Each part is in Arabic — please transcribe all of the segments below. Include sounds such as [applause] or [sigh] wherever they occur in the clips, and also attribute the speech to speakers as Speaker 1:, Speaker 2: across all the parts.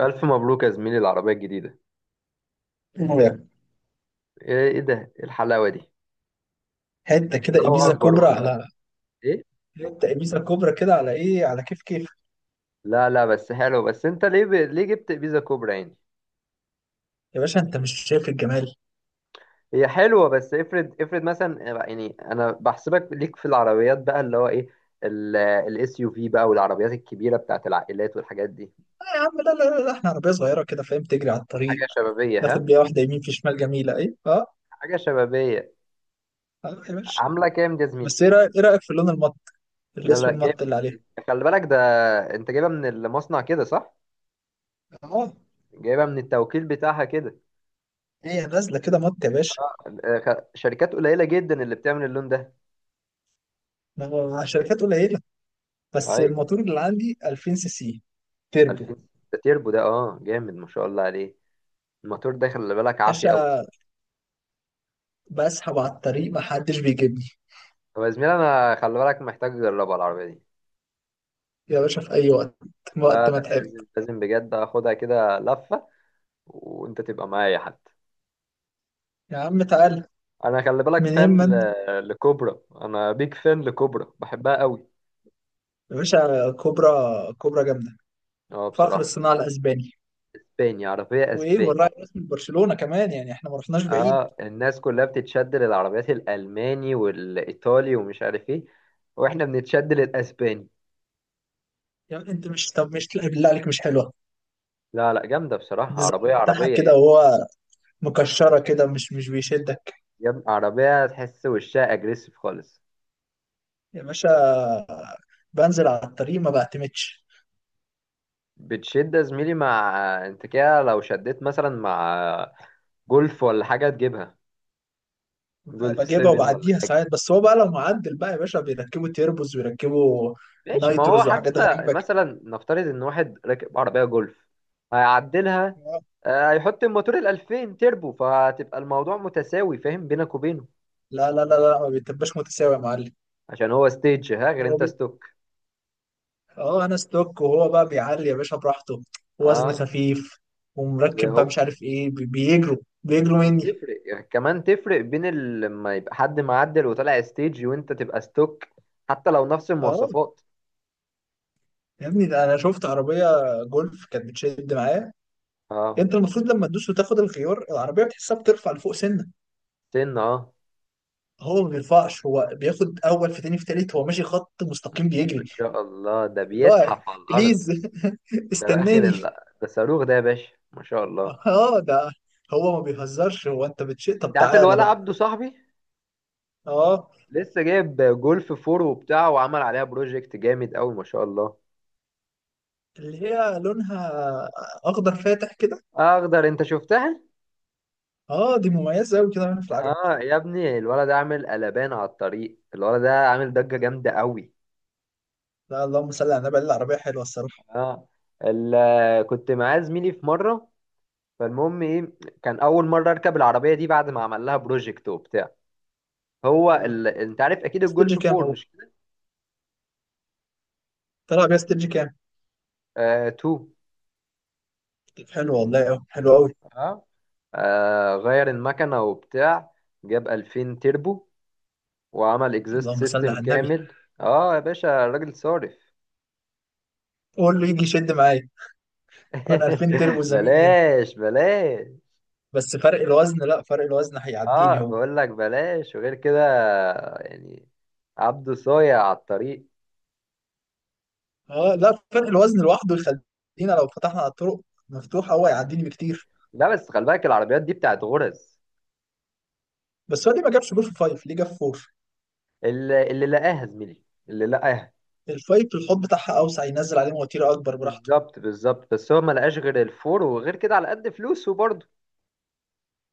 Speaker 1: ألف مبروك يا زميلي العربية الجديدة. إيه ده، إيه الحلاوة دي؟
Speaker 2: حته كده
Speaker 1: لا
Speaker 2: ابيزا
Speaker 1: وأكبر
Speaker 2: كبرى
Speaker 1: والله.
Speaker 2: على
Speaker 1: إيه؟
Speaker 2: حته ابيزا كبرى كده على ايه، على كيف كيف.
Speaker 1: لا لا، بس حلو. بس أنت ليه ليه جبت بيزا كوبرا يعني؟
Speaker 2: يا باشا، انت مش شايف الجمال؟
Speaker 1: هي حلوة، بس افرض مثلا، يعني أنا بحسبك ليك في العربيات بقى اللي هو إيه، الاس يو في بقى والعربيات الكبيرة بتاعت العائلات والحاجات دي.
Speaker 2: آه يا عم، لا لا لا لا، احنا عربيه صغيره كده فاهم، تجري على
Speaker 1: حاجة
Speaker 2: الطريق.
Speaker 1: شبابية،
Speaker 2: ناخد
Speaker 1: ها.
Speaker 2: بيها واحده يمين في شمال، جميله ايه اه.
Speaker 1: حاجة شبابية.
Speaker 2: آه يا باشا.
Speaker 1: عاملة كام دي يا زميلي؟
Speaker 2: بس ايه رايك، ايه رايك في اللون المط،
Speaker 1: لا لا
Speaker 2: الاسود
Speaker 1: جامد.
Speaker 2: المط اللي عليها.
Speaker 1: خلي بالك ده. أنت جايبها من المصنع كده صح؟
Speaker 2: اه،
Speaker 1: جايبها من التوكيل بتاعها كده.
Speaker 2: هي نازله كده مط يا باشا.
Speaker 1: آه، شركات قليلة جدا اللي بتعمل اللون ده.
Speaker 2: ما هو شركات قليله، بس
Speaker 1: اي.
Speaker 2: الموتور اللي عندي 2000 سي سي تربو.
Speaker 1: 2000. ده تيربو ده، اه جامد ما شاء الله عليه. الموتور ده خلي بالك عافي قوي.
Speaker 2: باشا، بسحب على الطريق ما حدش بيجيبني.
Speaker 1: طب يا زميلي انا خلي بالك محتاج اجربها العربيه دي.
Speaker 2: يا باشا، في اي وقت،
Speaker 1: لا
Speaker 2: وقت ما
Speaker 1: لا،
Speaker 2: تحب.
Speaker 1: لازم لازم بجد اخدها كده لفه. وانت تبقى معايا حتى.
Speaker 2: يا عم تعال،
Speaker 1: انا خلي بالك
Speaker 2: منين
Speaker 1: فان
Speaker 2: ما انت.
Speaker 1: لكوبرا، انا بيك فان لكوبرا، بحبها قوي.
Speaker 2: يا باشا كوبرا، كوبرا جامده،
Speaker 1: اه
Speaker 2: فخر
Speaker 1: بصراحه.
Speaker 2: الصناعه الاسباني.
Speaker 1: اسباني، عربيه
Speaker 2: وايه،
Speaker 1: اسباني.
Speaker 2: والراعي الرسمي لبرشلونه كمان، يعني احنا ما رحناش بعيد.
Speaker 1: اه الناس كلها بتتشد للعربيات الالماني والايطالي ومش عارف ايه، واحنا بنتشد للاسباني.
Speaker 2: يعني انت مش طب مش لا بالله عليك مش حلوه؟
Speaker 1: لا لا جامده بصراحه، عربيه
Speaker 2: الديزاين بتاعها
Speaker 1: عربيه
Speaker 2: كده
Speaker 1: إيه؟
Speaker 2: وهو مكشره كده، مش بيشدك.
Speaker 1: يا ابني عربية تحس وشها اجريسيف خالص.
Speaker 2: يا باشا، بنزل على الطريق ما بعتمدش.
Speaker 1: بتشد يا زميلي مع، انت كده لو شديت مثلا مع جولف ولا حاجة تجيبها. جولف
Speaker 2: بجيبها
Speaker 1: 7 ولا
Speaker 2: وبعديها
Speaker 1: حاجة.
Speaker 2: ساعات، بس هو بقى لو معدل بقى يا باشا، بيركبوا تيربوز ويركبوا
Speaker 1: ماشي، ما هو
Speaker 2: نايتروز وحاجات
Speaker 1: حتى
Speaker 2: غريبه كده.
Speaker 1: مثلا نفترض ان واحد راكب عربية جولف، هيعدلها، آه، هيحط الموتور ال 2000 تيربو، فهتبقى الموضوع متساوي فاهم بينك وبينه.
Speaker 2: لا لا لا لا، ما بيتبقاش متساوي يا معلم.
Speaker 1: عشان هو ستيج، ها، غير
Speaker 2: هو
Speaker 1: انت ستوك.
Speaker 2: اه، انا ستوك وهو بقى بيعلي يا باشا براحته، وزن
Speaker 1: اه
Speaker 2: خفيف ومركب بقى مش عارف ايه، بيجروا، بيجروا مني.
Speaker 1: وتفرق يعني كمان تفرق بين ال- لما يبقى حد معدل وطالع ستيج وانت تبقى ستوك حتى لو نفس
Speaker 2: اه
Speaker 1: المواصفات
Speaker 2: يا ابني، ده انا شفت عربيه جولف كانت بتشد معايا.
Speaker 1: اه.
Speaker 2: انت المفروض لما تدوس وتاخد الخيار، العربيه بتحسها بترفع لفوق سنه.
Speaker 1: سن، اه.
Speaker 2: هو ما بيرفعش، هو بياخد اول في تاني في تالت، هو ماشي خط مستقيم
Speaker 1: ما
Speaker 2: بيجري.
Speaker 1: شاء الله ده
Speaker 2: اللي هو
Speaker 1: بيزحف على الارض.
Speaker 2: بليز [laughs]
Speaker 1: ده بقى اخد
Speaker 2: استناني.
Speaker 1: ده صاروخ ده يا باشا ما شاء الله.
Speaker 2: اه ده، هو ما بيهزرش، هو انت بتشيء،
Speaker 1: انت
Speaker 2: طب
Speaker 1: عارف
Speaker 2: تعالى
Speaker 1: الولا
Speaker 2: بقى.
Speaker 1: عبده صاحبي؟
Speaker 2: اه،
Speaker 1: لسه جايب جولف فور وبتاع وعمل عليها بروجكت جامد قوي ما شاء الله.
Speaker 2: اللي هي لونها اخضر فاتح كده.
Speaker 1: اخضر، انت شفتها؟
Speaker 2: اه دي مميزه قوي كده في العجل.
Speaker 1: اه يا ابني الولد ده عامل قلبان على الطريق، الولد ده عامل ضجة جامدة قوي.
Speaker 2: لا اللهم صل على النبي، العربيه حلوه الصراحه.
Speaker 1: اه. ال... كنت معاه زميلي في مره، فالمهم ايه، كان اول مره اركب العربيه دي بعد ما عمل لها بروجكت وبتاع. هو
Speaker 2: آه.
Speaker 1: انت عارف اكيد
Speaker 2: استرجي
Speaker 1: الجولف
Speaker 2: كام
Speaker 1: 4
Speaker 2: هو؟
Speaker 1: مش كده.
Speaker 2: طلع بيها استرجي كام؟
Speaker 1: آه 2.
Speaker 2: طب حلو والله، قوي حلو قوي.
Speaker 1: اه. آه غير المكنه وبتاع، جاب 2000 تيربو وعمل اكزيست
Speaker 2: اللهم صل
Speaker 1: سيستم
Speaker 2: على النبي،
Speaker 1: كامل. اه يا باشا الراجل صارف.
Speaker 2: قول له يجي يشد معايا، فانا 2000 تربو
Speaker 1: [laughs]
Speaker 2: زميل هنا.
Speaker 1: بلاش بلاش.
Speaker 2: بس فرق الوزن، لا فرق الوزن
Speaker 1: اه
Speaker 2: هيعديني هو.
Speaker 1: بقول لك بلاش، وغير كده يعني عبده صايع على الطريق.
Speaker 2: اه لا، فرق الوزن لوحده يخلينا لو فتحنا على الطرق مفتوحه، هو هيعديني بكتير.
Speaker 1: لا بس خلي بالك العربيات دي بتاعت غرز.
Speaker 2: بس هو ليه ما جابش جول في فايف، ليه جاب فور؟
Speaker 1: اللي لقاها زميلي، اللي لقاها.
Speaker 2: الفايف الحوض بتاعها اوسع، ينزل عليه مواتير اكبر براحته.
Speaker 1: بالظبط بالظبط، بس هو ما لقاش غير الفور، وغير كده على قد فلوسه برضه.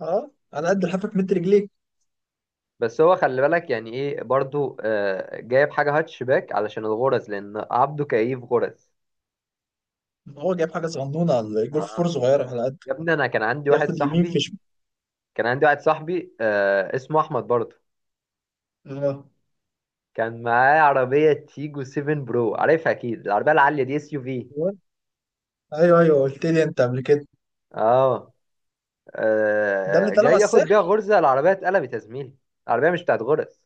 Speaker 2: اه، على قد لحافك متر رجليك.
Speaker 1: بس هو خلي بالك يعني ايه برضه، آه جايب حاجة هاتشباك علشان الغرز، لأن عبده كيف غرز.
Speaker 2: هو جايب حاجه صغنونه، الجول في فور
Speaker 1: آه.
Speaker 2: صغيره، على
Speaker 1: يا ابني أنا كان عندي واحد
Speaker 2: ياخد يمين في
Speaker 1: صاحبي،
Speaker 2: شمال.
Speaker 1: كان عندي واحد صاحبي، آه، اسمه أحمد برضه.
Speaker 2: اه،
Speaker 1: كان معاه عربية تيجو 7 برو، عارفها أكيد، العربية العالية دي، اس يو في.
Speaker 2: ايوه ايوه، قلت لي انت قبل كده.
Speaker 1: اه.
Speaker 2: ده اللي
Speaker 1: آه،
Speaker 2: طلعوا على
Speaker 1: جاي ياخد بيها
Speaker 2: الساحل.
Speaker 1: غرزة، العربية اتقلبت يا زميلي. العربية مش بتاعت غرز.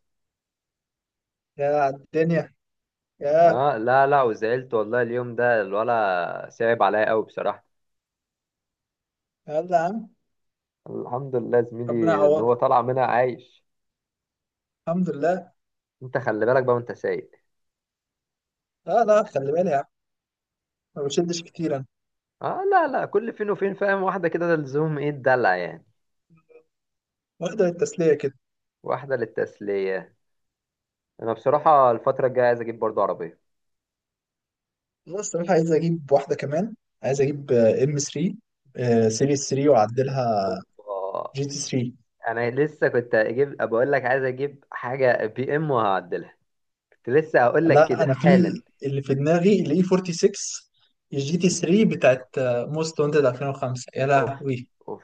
Speaker 2: يا على الدنيا يا.
Speaker 1: اه لا لا، وزعلت والله، اليوم ده الولا صعب عليا قوي بصراحة.
Speaker 2: يلا يا عم.
Speaker 1: الحمد لله يا
Speaker 2: ربنا
Speaker 1: زميلي ان هو
Speaker 2: يعوضك،
Speaker 1: طالع منها عايش.
Speaker 2: الحمد لله.
Speaker 1: انت خلي بالك بقى وانت سايق.
Speaker 2: لا لا، خلي بالي يا عم، ما بشدش كتير انا.
Speaker 1: اه لا لا، كل فين وفين فاهم، واحدة كده، ده لزوم ايه الدلع يعني.
Speaker 2: واخده التسليه كده.
Speaker 1: واحدة للتسلية. انا بصراحة الفترة الجاية عايز اجيب برضه عربية.
Speaker 2: انا الصراحه عايز اجيب واحده كمان، عايز اجيب ام 3، سيريس 3 واعدلها،
Speaker 1: اوبا.
Speaker 2: جي تي 3.
Speaker 1: انا لسه كنت اجيب بقول لك عايز اجيب حاجة بي ام وهعدلها. كنت لسه هقول لك
Speaker 2: لا
Speaker 1: كده
Speaker 2: انا
Speaker 1: حالا.
Speaker 2: في اللي في دماغي الاي 46، الجي تي 3 بتاعت موست وانتد 2005، يا
Speaker 1: اوف،
Speaker 2: لهوي.
Speaker 1: اوف،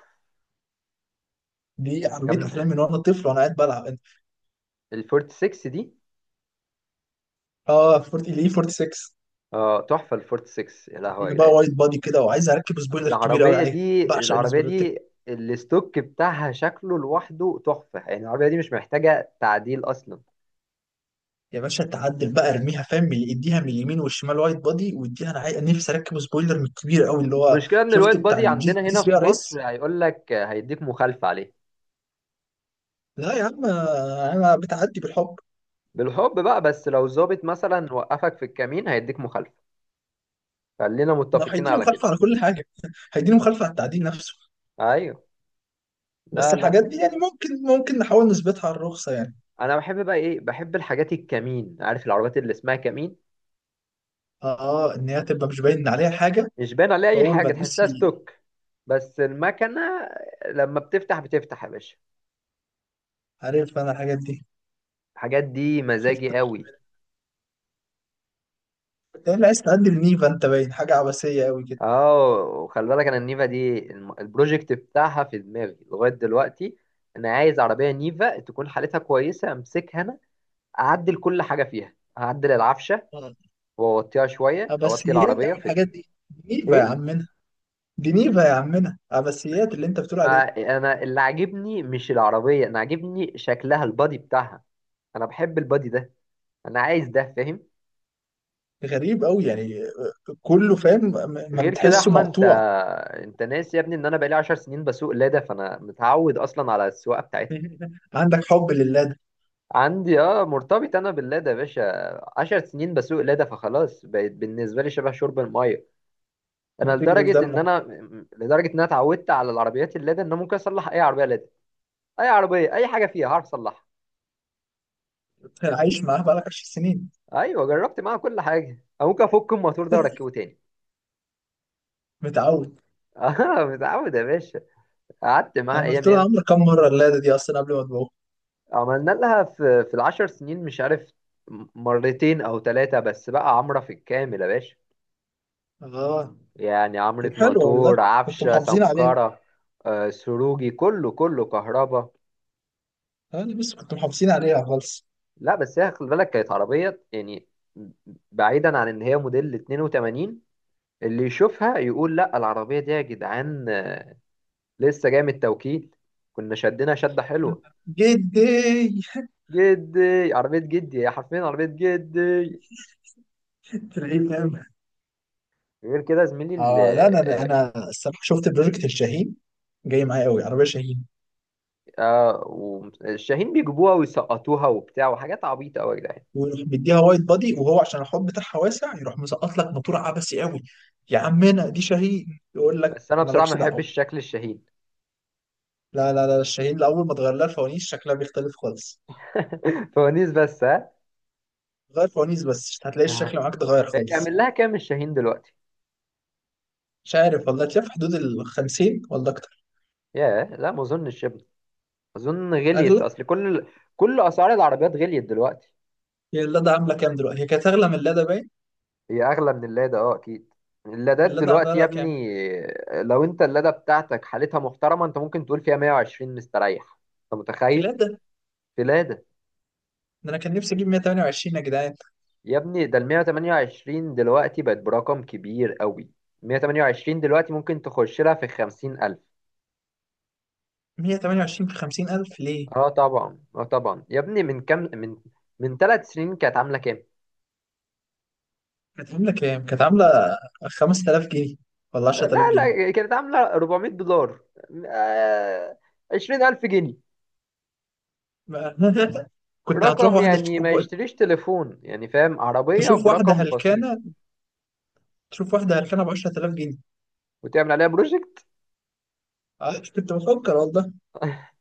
Speaker 2: دي عربيه
Speaker 1: جامدة
Speaker 2: احلامي من وانا طفل وانا قاعد بلعب.
Speaker 1: الفورت 6 دي.
Speaker 2: اه 40، ليه 46.
Speaker 1: اه تحفة الفورت 6، يا لهوي
Speaker 2: هي
Speaker 1: يا
Speaker 2: بقى
Speaker 1: جدعان.
Speaker 2: وايد بادي كده، وعايز اركب سبويلر كبير قوي
Speaker 1: العربية
Speaker 2: عليها،
Speaker 1: دي،
Speaker 2: بعشق
Speaker 1: العربية
Speaker 2: السبويلرات.
Speaker 1: دي الستوك بتاعها شكله لوحده تحفة، يعني العربية دي مش محتاجة تعديل أصلا.
Speaker 2: يا باشا تعدل بقى، ارميها فاهم، من اديها من اليمين والشمال وايد بادي، واديها، انا نفسي اركب سبويلر من الكبير قوي، اللي هو
Speaker 1: المشكلة إن الوايت
Speaker 2: شفت بتاع
Speaker 1: بادي عندنا
Speaker 2: الجي تي
Speaker 1: هنا في
Speaker 2: 3 ار
Speaker 1: مصر
Speaker 2: اس.
Speaker 1: هيقول لك هيديك مخالفة عليه.
Speaker 2: لا يا عم، آه، انا بتعدي بالحب.
Speaker 1: بالحب بقى، بس لو ظابط مثلا وقفك في الكمين هيديك مخالفة. خلينا
Speaker 2: ما هو
Speaker 1: متفقين
Speaker 2: هيديني
Speaker 1: على كده.
Speaker 2: مخالفه على كل حاجه [laughs] هيديني مخالفه على التعديل نفسه.
Speaker 1: أيوه.
Speaker 2: بس
Speaker 1: لا
Speaker 2: الحاجات
Speaker 1: لا.
Speaker 2: دي يعني، ممكن نحاول نثبتها على الرخصه يعني.
Speaker 1: أنا بحب بقى إيه، بحب الحاجات الكمين، عارف العربيات اللي اسمها كمين؟
Speaker 2: اه، آه، ان هي تبقى مش باين عليها حاجه.
Speaker 1: مش باين عليها اي
Speaker 2: فاول ما
Speaker 1: حاجه،
Speaker 2: تدوس
Speaker 1: تحسها ستوك. بس المكنه لما بتفتح بتفتح يا باشا.
Speaker 2: عارف انا الحاجات
Speaker 1: الحاجات دي مزاجي
Speaker 2: دي.
Speaker 1: قوي.
Speaker 2: إيه اللي عايز تقدم نيفا؟ انت باين حاجة عبثية قوي كده.
Speaker 1: اه. وخلي بالك انا النيفا دي البروجكت بتاعها في دماغي لغايه دلوقتي. انا عايز عربيه نيفا تكون حالتها كويسه امسكها انا، اعدل كل حاجه فيها، اعدل العفشه،
Speaker 2: مم.
Speaker 1: واوطيها شويه، اوطي
Speaker 2: عبثيات يا
Speaker 1: العربيه
Speaker 2: عم،
Speaker 1: في.
Speaker 2: الحاجات دي، دي نيفا يا
Speaker 1: ايه.
Speaker 2: عمنا، دي نيفا يا عمنا، عبثيات اللي انت بتقول
Speaker 1: آه،
Speaker 2: عليه.
Speaker 1: انا اللي عاجبني مش العربيه، انا عاجبني شكلها، البادي بتاعها. انا بحب البادي ده، انا عايز ده فاهم.
Speaker 2: غريب قوي يعني، آه، كله فاهم، ما
Speaker 1: غير كده يا
Speaker 2: بتحسه
Speaker 1: احمد انت،
Speaker 2: مقطوع.
Speaker 1: انت ناسي يا ابني ان انا بقالي 10 سنين بسوق لادا، فانا متعود اصلا على السواقه بتاعتها.
Speaker 2: [laughs] عندك حب لله ده.
Speaker 1: عندي اه، مرتبط انا باللادا يا باشا. 10 سنين بسوق لادا، فخلاص بقت بالنسبه لي شبه شرب الميه. انا
Speaker 2: بتجري في
Speaker 1: لدرجه ان
Speaker 2: دمه.
Speaker 1: لدرجه ان انا اتعودت على العربيات اللادا ان انا ممكن اصلح اي عربيه لادا. اي عربيه، اي حاجه فيها هعرف اصلحها.
Speaker 2: عايش معاه بقالك 10 سنين.
Speaker 1: ايوه جربت معاها كل حاجه، أو ممكن افك الموتور ده واركبه
Speaker 2: [laughs]
Speaker 1: تاني.
Speaker 2: متعود.
Speaker 1: [laughs] اه متعود يا باشا، قعدت معاها
Speaker 2: عملت
Speaker 1: ايام
Speaker 2: لها
Speaker 1: ياما.
Speaker 2: عمرة كام مرة اللادة دي أصلا قبل ما تبوظ؟
Speaker 1: عملنا لها في العشر سنين، مش عارف، مرتين او ثلاثة بس بقى عمرة في الكامل يا باشا.
Speaker 2: اه
Speaker 1: يعني
Speaker 2: طب
Speaker 1: عمرة
Speaker 2: حلو والله،
Speaker 1: موتور،
Speaker 2: كنتوا
Speaker 1: عفشة،
Speaker 2: محافظين عليها.
Speaker 1: سمكرة، آه، سروجي، كله كله، كهرباء.
Speaker 2: أنا بس كنتوا محافظين عليها خالص.
Speaker 1: لا بس هي خلي بالك كانت عربية يعني، بعيدا عن ان هي موديل 82، اللي يشوفها يقول لا العربية دي يا جدعان، آه، لسه جاية من التوكيل. كنا شدنا شدة حلوة.
Speaker 2: جدي،
Speaker 1: جدي، عربية جدي، هي حرفيا عربية جدي.
Speaker 2: في العيد.
Speaker 1: غير كده يا زميلي
Speaker 2: اه لا، انا
Speaker 1: آه.
Speaker 2: انا الصراحه شفت بروجكت الشاهين، جاي معايا قوي عربيه شاهين.
Speaker 1: اه والشاهين بيجيبوها ويسقطوها وبتاع وحاجات عبيطة أوي يا جدعان.
Speaker 2: ويروح مديها وايد بادي، وهو عشان الحوض بتاعها واسع، يروح مسقط لك موتور عبسي قوي. يا عمنا دي شاهين، يقول لك
Speaker 1: بس أنا بصراحة ما
Speaker 2: مالكش
Speaker 1: بحبش
Speaker 2: دعوه.
Speaker 1: شكل الشاهين.
Speaker 2: لا لا لا، الشاهين لاول ما تغير لها الفوانيس شكلها بيختلف خالص.
Speaker 1: [laughs] فوانيس بس، ها.
Speaker 2: غير فوانيس بس، مش هتلاقي الشكل
Speaker 1: آه.
Speaker 2: معاك اتغير خالص.
Speaker 1: تعمل لها كام الشاهين دلوقتي؟
Speaker 2: مش عارف والله، تلاقي في حدود ال 50 ولا اكتر.
Speaker 1: ياه، لا ما أظنش يا ابني. أظن غليت،
Speaker 2: اغلى.
Speaker 1: أصل كل، كل أسعار العربيات غليت دلوقتي.
Speaker 2: هي اللادا عامله كام دلوقتي؟ هي كانت اغلى من اللادا باين.
Speaker 1: هي أغلى من اللادا، أه أكيد. اللادات
Speaker 2: اللادا عامله
Speaker 1: دلوقتي يا
Speaker 2: لها كام؟
Speaker 1: ابني، لو أنت اللادا بتاعتك حالتها محترمة أنت ممكن تقول فيها 120 مستريح. أنت
Speaker 2: في
Speaker 1: متخيل؟
Speaker 2: اللادا،
Speaker 1: في لادا.
Speaker 2: ده انا كان نفسي اجيب 128 يا جدعان.
Speaker 1: يا ابني ده ال 128 دلوقتي بقت برقم كبير قوي. 128 دلوقتي ممكن تخش لها في 50,000.
Speaker 2: 128 في 50,000 ليه؟
Speaker 1: اه طبعا اه طبعا، يا ابني من كام، من من ثلاث سنين كانت عاملة كام؟
Speaker 2: كانت عاملة كام؟ كانت عاملة 5000 جنيه ولا 10000
Speaker 1: لا
Speaker 2: جنيه
Speaker 1: لا، كانت عاملة 400 دولار، آه، 20,000 جنيه.
Speaker 2: [laughs] ما- كنت هتروح
Speaker 1: رقم
Speaker 2: واحدة
Speaker 1: يعني ما
Speaker 2: تجيب،
Speaker 1: يشتريش تليفون، يعني فاهم، عربية
Speaker 2: تشوف واحدة
Speaker 1: برقم
Speaker 2: هلكانة،
Speaker 1: بسيط.
Speaker 2: تشوف واحدة هلكانة ب 10000 جنيه.
Speaker 1: وتعمل عليها بروجكت.
Speaker 2: آه، كنت بفكر والله،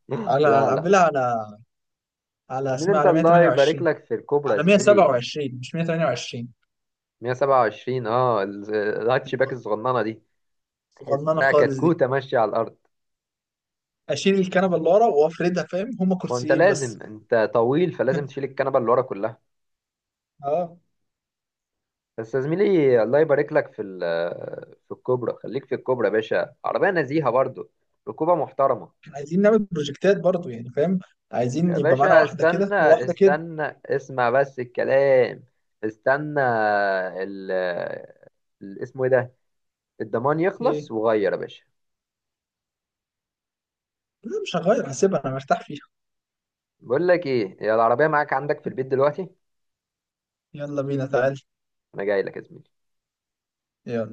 Speaker 1: [gasps] [laughs]
Speaker 2: على
Speaker 1: لا لا.
Speaker 2: أعملها على، على
Speaker 1: مين
Speaker 2: اسمها،
Speaker 1: انت،
Speaker 2: على
Speaker 1: الله يبارك
Speaker 2: 128.
Speaker 1: لك في الكوبرا
Speaker 2: على
Speaker 1: زميلي.
Speaker 2: 127 مش 128.
Speaker 1: 127، اه الهاتشباك الصغننة دي
Speaker 2: صغننة
Speaker 1: تحسها
Speaker 2: خالص دي،
Speaker 1: كتكوتة ماشية على الأرض.
Speaker 2: أشيل الكنبة اللي ورا وأفردها فاهم، هما
Speaker 1: وأنت
Speaker 2: كرسيين بس.
Speaker 1: لازم، أنت طويل فلازم تشيل
Speaker 2: [laughs]
Speaker 1: الكنبة اللي ورا كلها.
Speaker 2: اه.
Speaker 1: بس يا زميلي الله يبارك لك في في الكوبرا، خليك في الكوبرا يا باشا، عربية نزيهة برضو، ركوبة محترمة.
Speaker 2: عايزين نعمل بروجكتات برضو يعني فاهم، عايزين
Speaker 1: يا
Speaker 2: يبقى معانا
Speaker 1: باشا
Speaker 2: واحدة كده
Speaker 1: استنى
Speaker 2: وواحدة كده.
Speaker 1: استنى اسمع بس الكلام. استنى ال اسمه ايه ده، الضمان
Speaker 2: إيه؟
Speaker 1: يخلص وغير يا باشا.
Speaker 2: لا مش هغير، هسيبها أنا مرتاح فيها.
Speaker 1: بقول لك ايه، يا العربية معاك عندك في البيت دلوقتي؟
Speaker 2: يلا بينا تعال.
Speaker 1: انا جاي لك يا زميلي.
Speaker 2: يلا.